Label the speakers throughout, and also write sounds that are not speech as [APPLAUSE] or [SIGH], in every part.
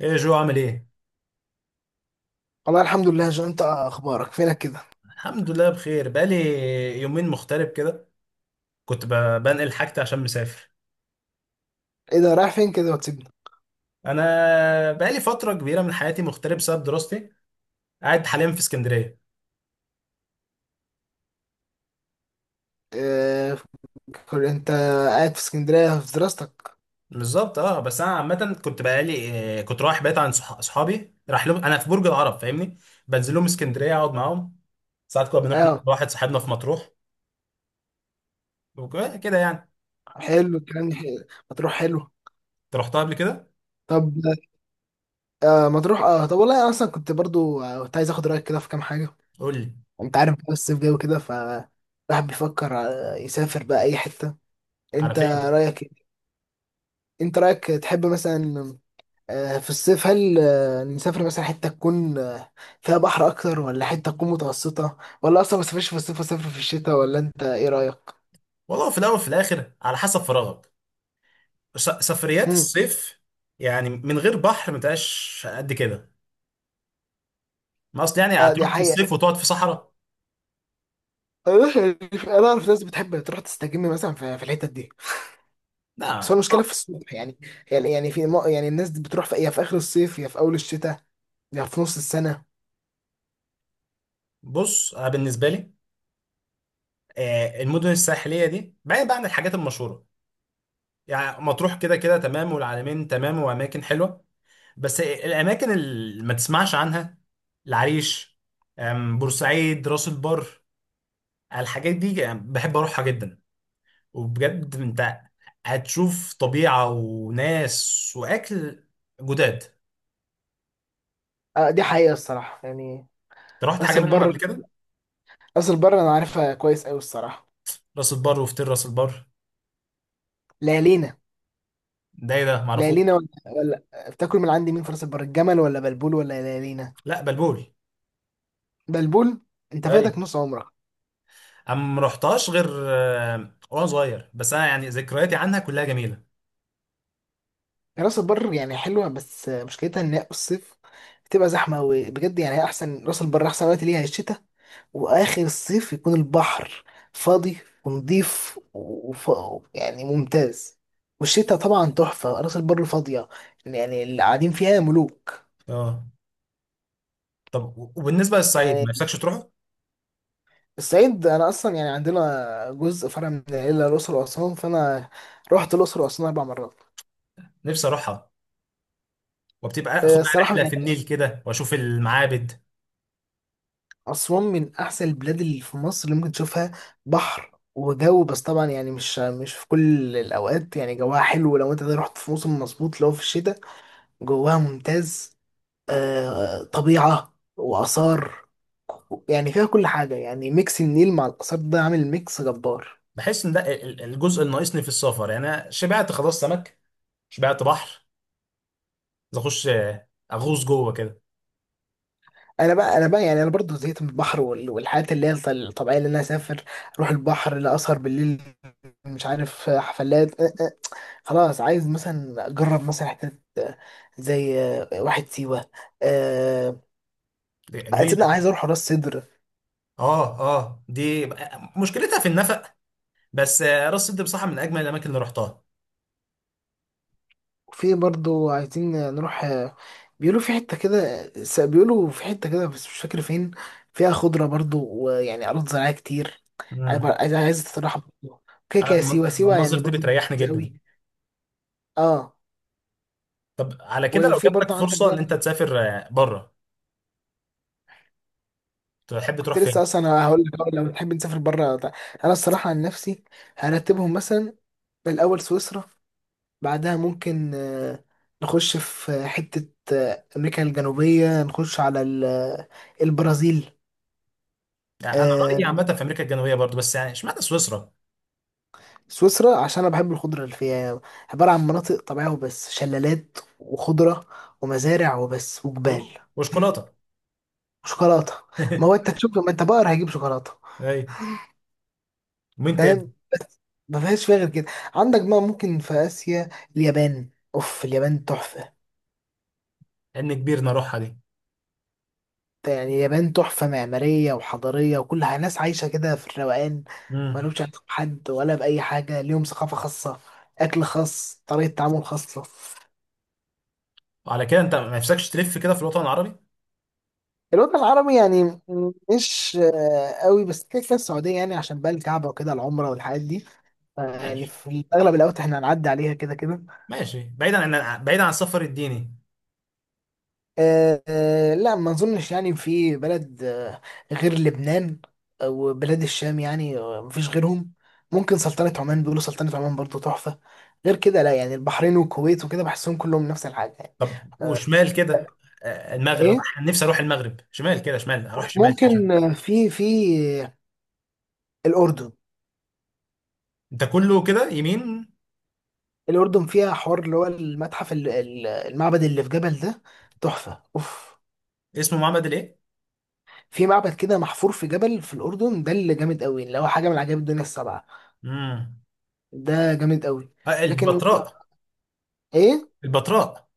Speaker 1: ايه جو عامل ايه؟
Speaker 2: والله الحمد لله يا جو، انت اخبارك؟ فينك كده؟
Speaker 1: الحمد لله بخير. بقالي يومين مغترب كده. كنت بنقل حاجتي عشان مسافر.
Speaker 2: ايه ده رايح فين كده وتسيبني؟
Speaker 1: انا بقالي فترة كبيرة من حياتي مغترب بسبب دراستي. قاعد حاليا في اسكندرية.
Speaker 2: اه. انت قاعد في اسكندريه في دراستك؟
Speaker 1: بالظبط اه، بس انا عامة كنت بقالي. كنت رايح بيت عند صحابي، راح لهم انا في برج العرب، فاهمني؟ بنزل لهم اسكندرية اقعد معاهم. ساعات كنا بنروح نقعد
Speaker 2: اه،
Speaker 1: مع واحد صاحبنا في مطروح. كده يعني.
Speaker 2: حلو الكلام ده حلو. مطروح حلو.
Speaker 1: انت رحتها قبل كده؟
Speaker 2: طب آه، مطروح. اه طب والله انا اصلا كنت برضو كنت عايز اخد رايك كده في كام حاجه.
Speaker 1: قول لي
Speaker 2: انت عارف بقى الصيف جاي وكده، ف الواحد بيفكر يسافر بقى اي حته.
Speaker 1: على
Speaker 2: انت
Speaker 1: فين؟
Speaker 2: رايك ايه؟ انت رايك، تحب مثلا في الصيف هل نسافر مثلا حتة تكون فيها بحر أكتر، ولا حتة تكون متوسطة، ولا أصلا ما سافرش في الصيف وسافر في الشتاء، ولا أنت إيه رأيك؟
Speaker 1: والله في الاول وفي الاخر على حسب فراغك. سفريات
Speaker 2: مم.
Speaker 1: الصيف يعني من غير بحر ما تبقاش قد كده. ما اصل يعني
Speaker 2: آه دي
Speaker 1: هتروح في
Speaker 2: حقيقة.
Speaker 1: الصيف وتقعد في صحراء؟
Speaker 2: [LAUGHS] أنا أعرف ناس بتحب تروح تستجم مثلا في الحتت دي. بس هو
Speaker 1: لا
Speaker 2: المشكلة في
Speaker 1: صعب.
Speaker 2: الصيف، يعني يعني يعني الناس دي بتروح، في يا في آخر الصيف يا في أول الشتاء يا في نص السنة.
Speaker 1: بص انا بالنسبه لي، المدن الساحليه دي بعيد بقى عن الحاجات المشهوره. يعني مطروح كده كده تمام، والعلمين تمام، واماكن حلوه. بس الاماكن اللي ما تسمعش عنها، العريش، بورسعيد، راس البر، الحاجات دي بحب اروحها جدا. وبجد انت هتشوف طبيعه وناس واكل جداد.
Speaker 2: آه دي حقيقة الصراحة يعني.
Speaker 1: رحت
Speaker 2: راس
Speaker 1: حاجه منهم
Speaker 2: البر.
Speaker 1: قبل كده؟
Speaker 2: راس البر أنا عارفها كويس أوي الصراحة.
Speaker 1: راس البر، وفتير راس البر
Speaker 2: ليالينا.
Speaker 1: ده ايه ده معرفوش.
Speaker 2: ليالينا ولا بتاكل من عندي مين في راس البر، الجمل ولا بلبول ولا ليالينا؟
Speaker 1: لا بلبول.
Speaker 2: بلبول. انت
Speaker 1: اي،
Speaker 2: فاتك نص عمرك.
Speaker 1: انا ما رحتهاش غير وانا صغير، بس انا يعني ذكرياتي عنها كلها جميله.
Speaker 2: راس البر يعني حلوه، بس مشكلتها ان هي الصيف بتبقى زحمه قوي بجد، يعني هي احسن، راس البر احسن وقت ليها الشتاء. واخر الصيف يكون البحر فاضي ونضيف يعني ممتاز. والشتاء طبعا تحفه، راس البر فاضيه، يعني اللي قاعدين فيها ملوك.
Speaker 1: اه. طب وبالنسبه للصعيد ما
Speaker 2: يعني
Speaker 1: نفسكش تروحه؟
Speaker 2: الصعيد، انا اصلا يعني عندنا جزء فرع من العيله، الاقصر واسوان، فانا رحت الاقصر واسوان 4 مرات.
Speaker 1: نفسي اروحها، وبتبقى اخد بقى
Speaker 2: الصراحه
Speaker 1: رحله في
Speaker 2: يعني
Speaker 1: النيل كده واشوف المعابد.
Speaker 2: اسوان من احسن البلاد اللي في مصر اللي ممكن تشوفها. بحر وجو، بس طبعا يعني مش في كل الاوقات، يعني جواها حلو لو انت رحت في موسم مظبوط، لو في الشتاء جواها ممتاز. طبيعه واثار، يعني فيها كل حاجه، يعني ميكس النيل مع الاثار ده عامل ميكس جبار.
Speaker 1: بحس ان ده الجزء اللي ناقصني في السفر. يعني انا شبعت خلاص سمك، شبعت بحر. عايز اخش اغوص جوه كده.
Speaker 2: انا بقى يعني انا برضو زهقت من البحر والحاجات اللي هي الطبيعيه، اللي انا اسافر اروح البحر، لا اسهر بالليل، مش عارف، حفلات، خلاص عايز مثلا اجرب مثلا حتت زي واحد سيوه. آه،
Speaker 1: جميل.
Speaker 2: اتصدق عايز اروح راس سدر.
Speaker 1: اه اه، دي بقى مشكلتها في النفق، بس راس سد بصراحه من اجمل الاماكن اللي رحتها.
Speaker 2: وفي برضو عايزين نروح بيقولوا في حته كده، بيقولوا في حته كده بس مش فاكر فين، فيها خضره برضو ويعني ارض زراعيه كتير. عايز
Speaker 1: مم.
Speaker 2: عايز عايز استراحه برضو. كده كده سيوه سيوه
Speaker 1: المناظر
Speaker 2: يعني
Speaker 1: دي
Speaker 2: برضو.
Speaker 1: بتريحني
Speaker 2: لذيذة
Speaker 1: جدا.
Speaker 2: قوي. اه.
Speaker 1: طب على كده لو
Speaker 2: وفي
Speaker 1: جات لك
Speaker 2: برضه عندك
Speaker 1: فرصه ان انت
Speaker 2: بقى،
Speaker 1: تسافر بره، تحب تروح
Speaker 2: كنت لسه
Speaker 1: فين؟
Speaker 2: اصلا هقول لك أه، لو تحب نسافر بره. انا الصراحه عن نفسي هرتبهم مثلا، الاول سويسرا، بعدها ممكن نخش في حته امريكا الجنوبيه، نخش على البرازيل.
Speaker 1: يعني انا
Speaker 2: آه،
Speaker 1: رايي عامه في امريكا الجنوبيه برضو، بس يعني اشمعنى سويسرا؟
Speaker 2: سويسرا عشان انا بحب الخضره اللي فيها، عباره عن مناطق طبيعيه وبس، شلالات وخضره ومزارع وبس
Speaker 1: و-
Speaker 2: وجبال
Speaker 1: وشوكولاته.
Speaker 2: وشوكولاته. ما هو
Speaker 1: [LAUGHS]
Speaker 2: انت تشوف، ما انت بقر، هجيب شوكولاته.
Speaker 1: اي. ومين تاني؟
Speaker 2: فاهم، بس ما فيهاش، فيها غير كده. عندك بقى ممكن في آسيا، اليابان. اوف اليابان تحفة،
Speaker 1: عين كبير نروحها دي.
Speaker 2: يعني اليابان تحفة معمارية وحضارية وكل حاجة، ناس عايشة كده في الروقان،
Speaker 1: مم.
Speaker 2: ملوش علاقة بحد ولا بأي حاجة، ليهم ثقافة خاصة، أكل خاص، طريقة تعامل خاصة.
Speaker 1: وعلى كده انت ما نفسكش تلف كده في الوطن العربي؟
Speaker 2: الوطن العربي يعني مش قوي، بس كده كده السعودية يعني عشان بقى الكعبة وكده، العمرة والحاجات دي، يعني
Speaker 1: ماشي.
Speaker 2: في أغلب الأوقات احنا هنعدي عليها كده كده.
Speaker 1: ماشي، بعيدا عن، بعيدا عن السفر الديني.
Speaker 2: لا ما اظنش، يعني في بلد غير لبنان، او بلاد الشام، يعني مفيش غيرهم. ممكن سلطنة عمان، بيقولوا سلطنة عمان برضو تحفة. غير كده لا، يعني البحرين والكويت وكده بحسهم كلهم نفس الحاجة يعني.
Speaker 1: طب وشمال كده، المغرب
Speaker 2: ايه،
Speaker 1: أنا نفسي اروح المغرب، شمال كده، شمال، اروح شمال كده.
Speaker 2: ممكن في الأردن.
Speaker 1: ده كله كده يمين.
Speaker 2: الأردن فيها حوار، اللي هو المتحف المعبد اللي في جبل ده، تحفة اوف.
Speaker 1: اسمه معبد الايه؟
Speaker 2: في معبد كده محفور في جبل في الأردن، ده اللي جامد قوي، اللي هو حاجة من عجائب الدنيا الـ7.
Speaker 1: امم.
Speaker 2: ده جامد قوي. لكن
Speaker 1: البتراء.
Speaker 2: ايه،
Speaker 1: البتراء.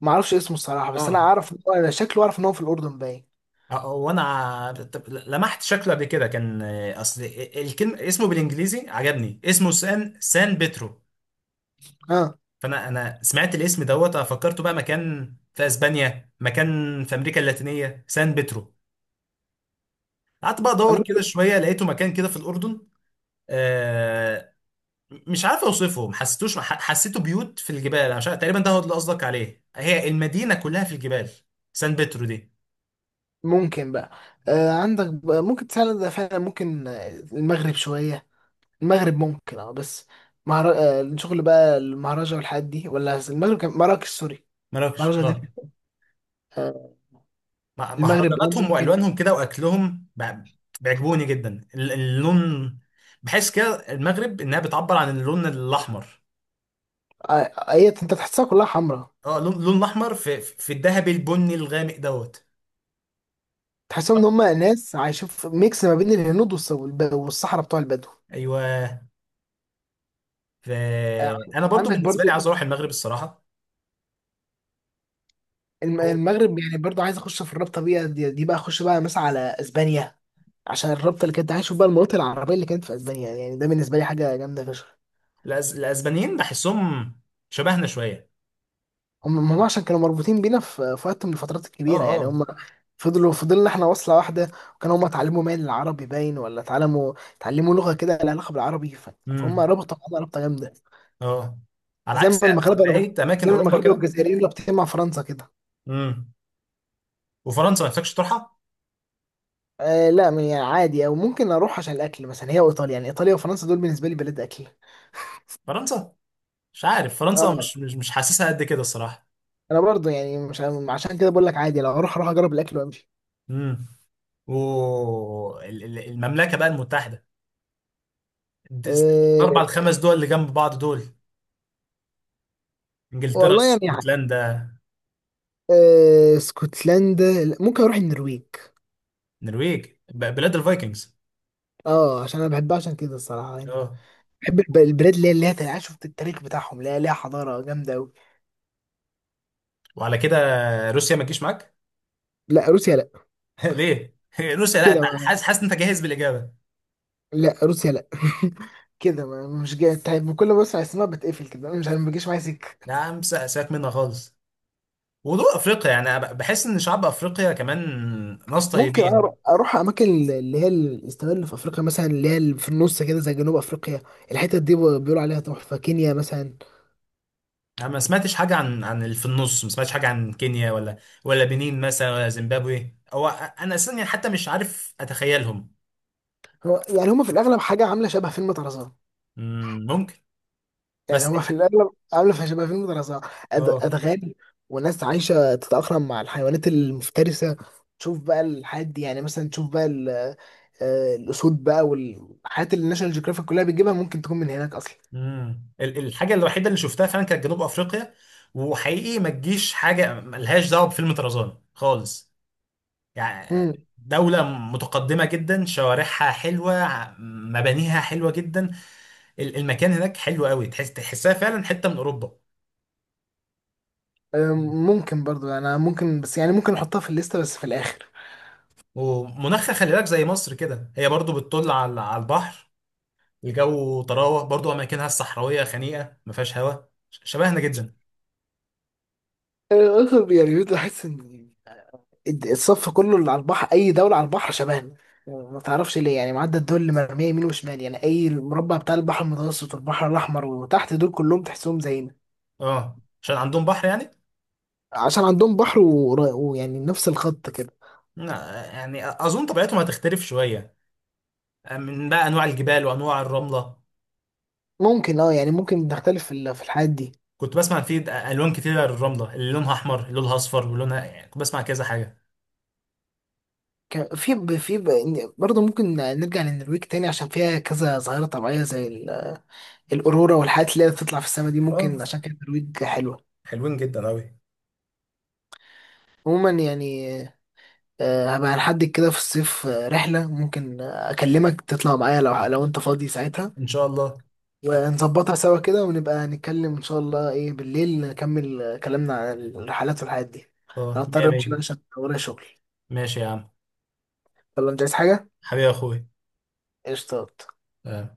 Speaker 2: ما اعرفش اسمه الصراحه، بس انا
Speaker 1: اه.
Speaker 2: عارف إن انا شكله اعرف ان هو في الاردن باين.
Speaker 1: وانا طب لمحت شكله قبل كده، كان اصل الكلمه اسمه بالانجليزي عجبني، اسمه سان، سان بيترو.
Speaker 2: اه
Speaker 1: فانا سمعت الاسم دوت، فكرته بقى مكان في اسبانيا، مكان في امريكا اللاتينيه سان بيترو. قعدت بقى ادور
Speaker 2: ممكن.
Speaker 1: كده شويه، لقيته مكان كده في الاردن. آه، مش عارف اوصفه، ما حسيتوش، حسيته بيوت في الجبال، أنا مش عارف. تقريبا ده هو اللي قصدك عليه، هي المدينه كلها في الجبال، سان بيترو دي.
Speaker 2: ممكن بقى. آه عندك بقى ممكن تساعد ده، فعلا ممكن المغرب شويه. المغرب ممكن اه، بس مهر... آه الشغل بقى المهرجة والحاجات دي، ولا المغرب كان مراكش سوري.
Speaker 1: مراكش
Speaker 2: مهرجة
Speaker 1: اه.
Speaker 2: دي. آه. المغرب اه
Speaker 1: مهرجاناتهم
Speaker 2: ممكن.
Speaker 1: والوانهم كده واكلهم بيعجبوني جدا. اللون، بحس كده المغرب انها بتعبر عن اللون الاحمر.
Speaker 2: هي انت تحسها كلها حمراء.
Speaker 1: اه، اللون، اللون الاحمر، في في الذهبي، البني الغامق دوت.
Speaker 2: تحسهم ان هم ناس عايشين في ميكس ما بين الهنود والصحراء بتوع البدو.
Speaker 1: ايوه. ف،
Speaker 2: آه
Speaker 1: انا برضو
Speaker 2: عندك
Speaker 1: بالنسبه لي
Speaker 2: برضو
Speaker 1: عاوز اروح المغرب الصراحه. هو
Speaker 2: المغرب يعني برضو. عايز اخش في الرابطه بيها دي, دي بقى اخش بقى مثلا على اسبانيا، عشان الرابطه اللي كانت، عايز اشوف بقى المناطق العربيه اللي كانت في اسبانيا، يعني ده بالنسبه لي حاجه جامده فشخ.
Speaker 1: الاسبانيين بحسهم شبهنا شويه.
Speaker 2: هم عشان كانوا مربوطين بينا في وقت من الفترات
Speaker 1: اه.
Speaker 2: الكبيره، يعني
Speaker 1: اه.
Speaker 2: هم فضلوا، فضلنا احنا واصله واحده، وكانوا هم اتعلموا مال العربي باين، ولا اتعلموا، لغه كده لها علاقه بالعربي، ف فهم
Speaker 1: امم.
Speaker 2: ربطوا معانا ربطه جامده.
Speaker 1: اه. على
Speaker 2: زي ما
Speaker 1: عكس
Speaker 2: المغاربه رب-
Speaker 1: بقية اماكن
Speaker 2: زي ما
Speaker 1: اوروبا
Speaker 2: المغاربه
Speaker 1: كده.
Speaker 2: والجزائريين رابطين مع فرنسا كده.
Speaker 1: امم. وفرنسا ما نفسكش تروحها؟
Speaker 2: آه لا، يعني عادي، او ممكن اروح عشان الاكل مثلا، هي وايطاليا، يعني ايطاليا وفرنسا دول بالنسبه لي بلاد اكل.
Speaker 1: فرنسا، مش عارف فرنسا،
Speaker 2: اه
Speaker 1: مش حاسسها قد كده الصراحه.
Speaker 2: انا برضه يعني مش عم- عشان كده بقول لك عادي، لو اروح اروح اجرب الاكل وامشي.
Speaker 1: امم. و، المملكه بقى المتحده، د، الاربع
Speaker 2: أه
Speaker 1: الخمس دول اللي جنب بعض دول، انجلترا،
Speaker 2: والله يعني.
Speaker 1: اسكتلندا،
Speaker 2: أه اسكتلندا لا، ممكن اروح النرويج.
Speaker 1: النرويج، بلاد الفايكنجز.
Speaker 2: اه عشان انا بحبها عشان كده الصراحه يعني.
Speaker 1: اه.
Speaker 2: بحب البلاد اللي هي عارف، شفت التاريخ بتاعهم، لا ليها حضاره جامده قوي.
Speaker 1: وعلى كده روسيا ما تجيش معاك؟
Speaker 2: لا روسيا لا.
Speaker 1: [LAUGHS] ليه؟ [LAUGHS] روسيا لا،
Speaker 2: كده
Speaker 1: أنت
Speaker 2: ما،
Speaker 1: حاسس، حاسس إن انت جاهز بالاجابه.
Speaker 2: لا روسيا لا. [LAUGHS] كده ما مش جاي. طيب كل ما بسمع اسمها بتقفل كده أنا مش عارف، ما بيجيش معايا سكه.
Speaker 1: لا يا عم سيبك منها خالص. موضوع افريقيا، يعني أنا بحس ان شعب افريقيا كمان ناس
Speaker 2: ممكن
Speaker 1: طيبين.
Speaker 2: اروح اماكن اللي هي الاستوال اللي في افريقيا مثلا، اللي هي اللي في النص كده زي جنوب افريقيا، الحتت دي بيقولوا عليها تحفه، كينيا مثلا.
Speaker 1: انا ما سمعتش حاجه عن، عن اللي في النص، ما سمعتش حاجه عن كينيا، ولا ولا بنين مثلا، ولا زيمبابوي، او انا اساسا يعني حتى مش عارف اتخيلهم.
Speaker 2: هو يعني هم في الاغلب حاجه عامله شبه فيلم طرزان.
Speaker 1: مم، ممكن،
Speaker 2: يعني
Speaker 1: بس.
Speaker 2: هم في الاغلب شبه فيلم طرزان،
Speaker 1: اه.
Speaker 2: ادغال وناس عايشه تتاقلم مع الحيوانات المفترسه. تشوف بقى الحاجات دي، يعني مثلا تشوف بقى الاسود بقى والحاجات اللي ناشونال جيوغرافيك كلها بتجيبها، ممكن تكون من هناك اصلا.
Speaker 1: مم. الحاجه الوحيده اللي شفتها فعلا كانت جنوب افريقيا، وحقيقي ما تجيش حاجه ملهاش دعوه بفيلم طرزان خالص. يعني
Speaker 2: مم.
Speaker 1: دولة متقدمة جدا، شوارعها حلوة، مبانيها حلوة جدا. المكان هناك حلو قوي، تحس، تحسها فعلا حته من اوروبا.
Speaker 2: ممكن برضو انا ممكن، بس يعني ممكن احطها في الليسته بس في الاخر.
Speaker 1: ومناخها خلي بالك زي مصر كده، هي برضو بتطل على، على البحر. الجو طراوه، برضو اماكنها الصحراويه خنيقه ما فيهاش هوا. شبهنا جدا.
Speaker 2: أنا اصلا يعني كنت بحس ان الصف كله اللي على البحر، اي دوله على البحر شبهنا. ما تعرفش ليه، يعني معدى الدول اللي مرميه يمين وشمال، يعني اي المربع بتاع البحر المتوسط والبحر الاحمر وتحت، دول كلهم تحسهم زينا.
Speaker 1: اه، عشان عندهم بحر يعني.
Speaker 2: عشان عندهم بحر، ويعني نفس الخط كده.
Speaker 1: لا، يعني اظن طبيعتهم هتختلف شويه، من بقى انواع الجبال وانواع الرمله.
Speaker 2: ممكن اه، يعني ممكن نختلف في الحاجات دي.
Speaker 1: كنت بسمع في، د، الوان كتيره للرمله، اللي لونها احمر، اللي لونها اصفر، ولونها، يعني كنت بسمع كذا حاجه.
Speaker 2: برضه ممكن نرجع للنرويج تاني، عشان فيها كذا ظاهرة طبيعية زي الأورورا، والحاجات اللي هي بتطلع في السماء دي، ممكن
Speaker 1: اه.
Speaker 2: عشان كده النرويج حلوة.
Speaker 1: حلوين جدا أوي.
Speaker 2: عموما يعني هبقى هنحدد كده في الصيف رحلة، ممكن أكلمك تطلع معايا، لو لو أنت فاضي ساعتها،
Speaker 1: إن شاء الله.
Speaker 2: ونظبطها سوا كده، ونبقى نتكلم إن شاء الله إيه بالليل، نكمل كلامنا عن الرحلات والحاجات دي.
Speaker 1: أه،
Speaker 2: أنا
Speaker 1: مية
Speaker 2: هضطر أمشي بقى
Speaker 1: مية.
Speaker 2: عشان ورايا شغل.
Speaker 1: ماشي يا عم.
Speaker 2: يلا مش عايز حاجة؟
Speaker 1: حبيبي يا أخوي.
Speaker 2: قشطات.
Speaker 1: آه،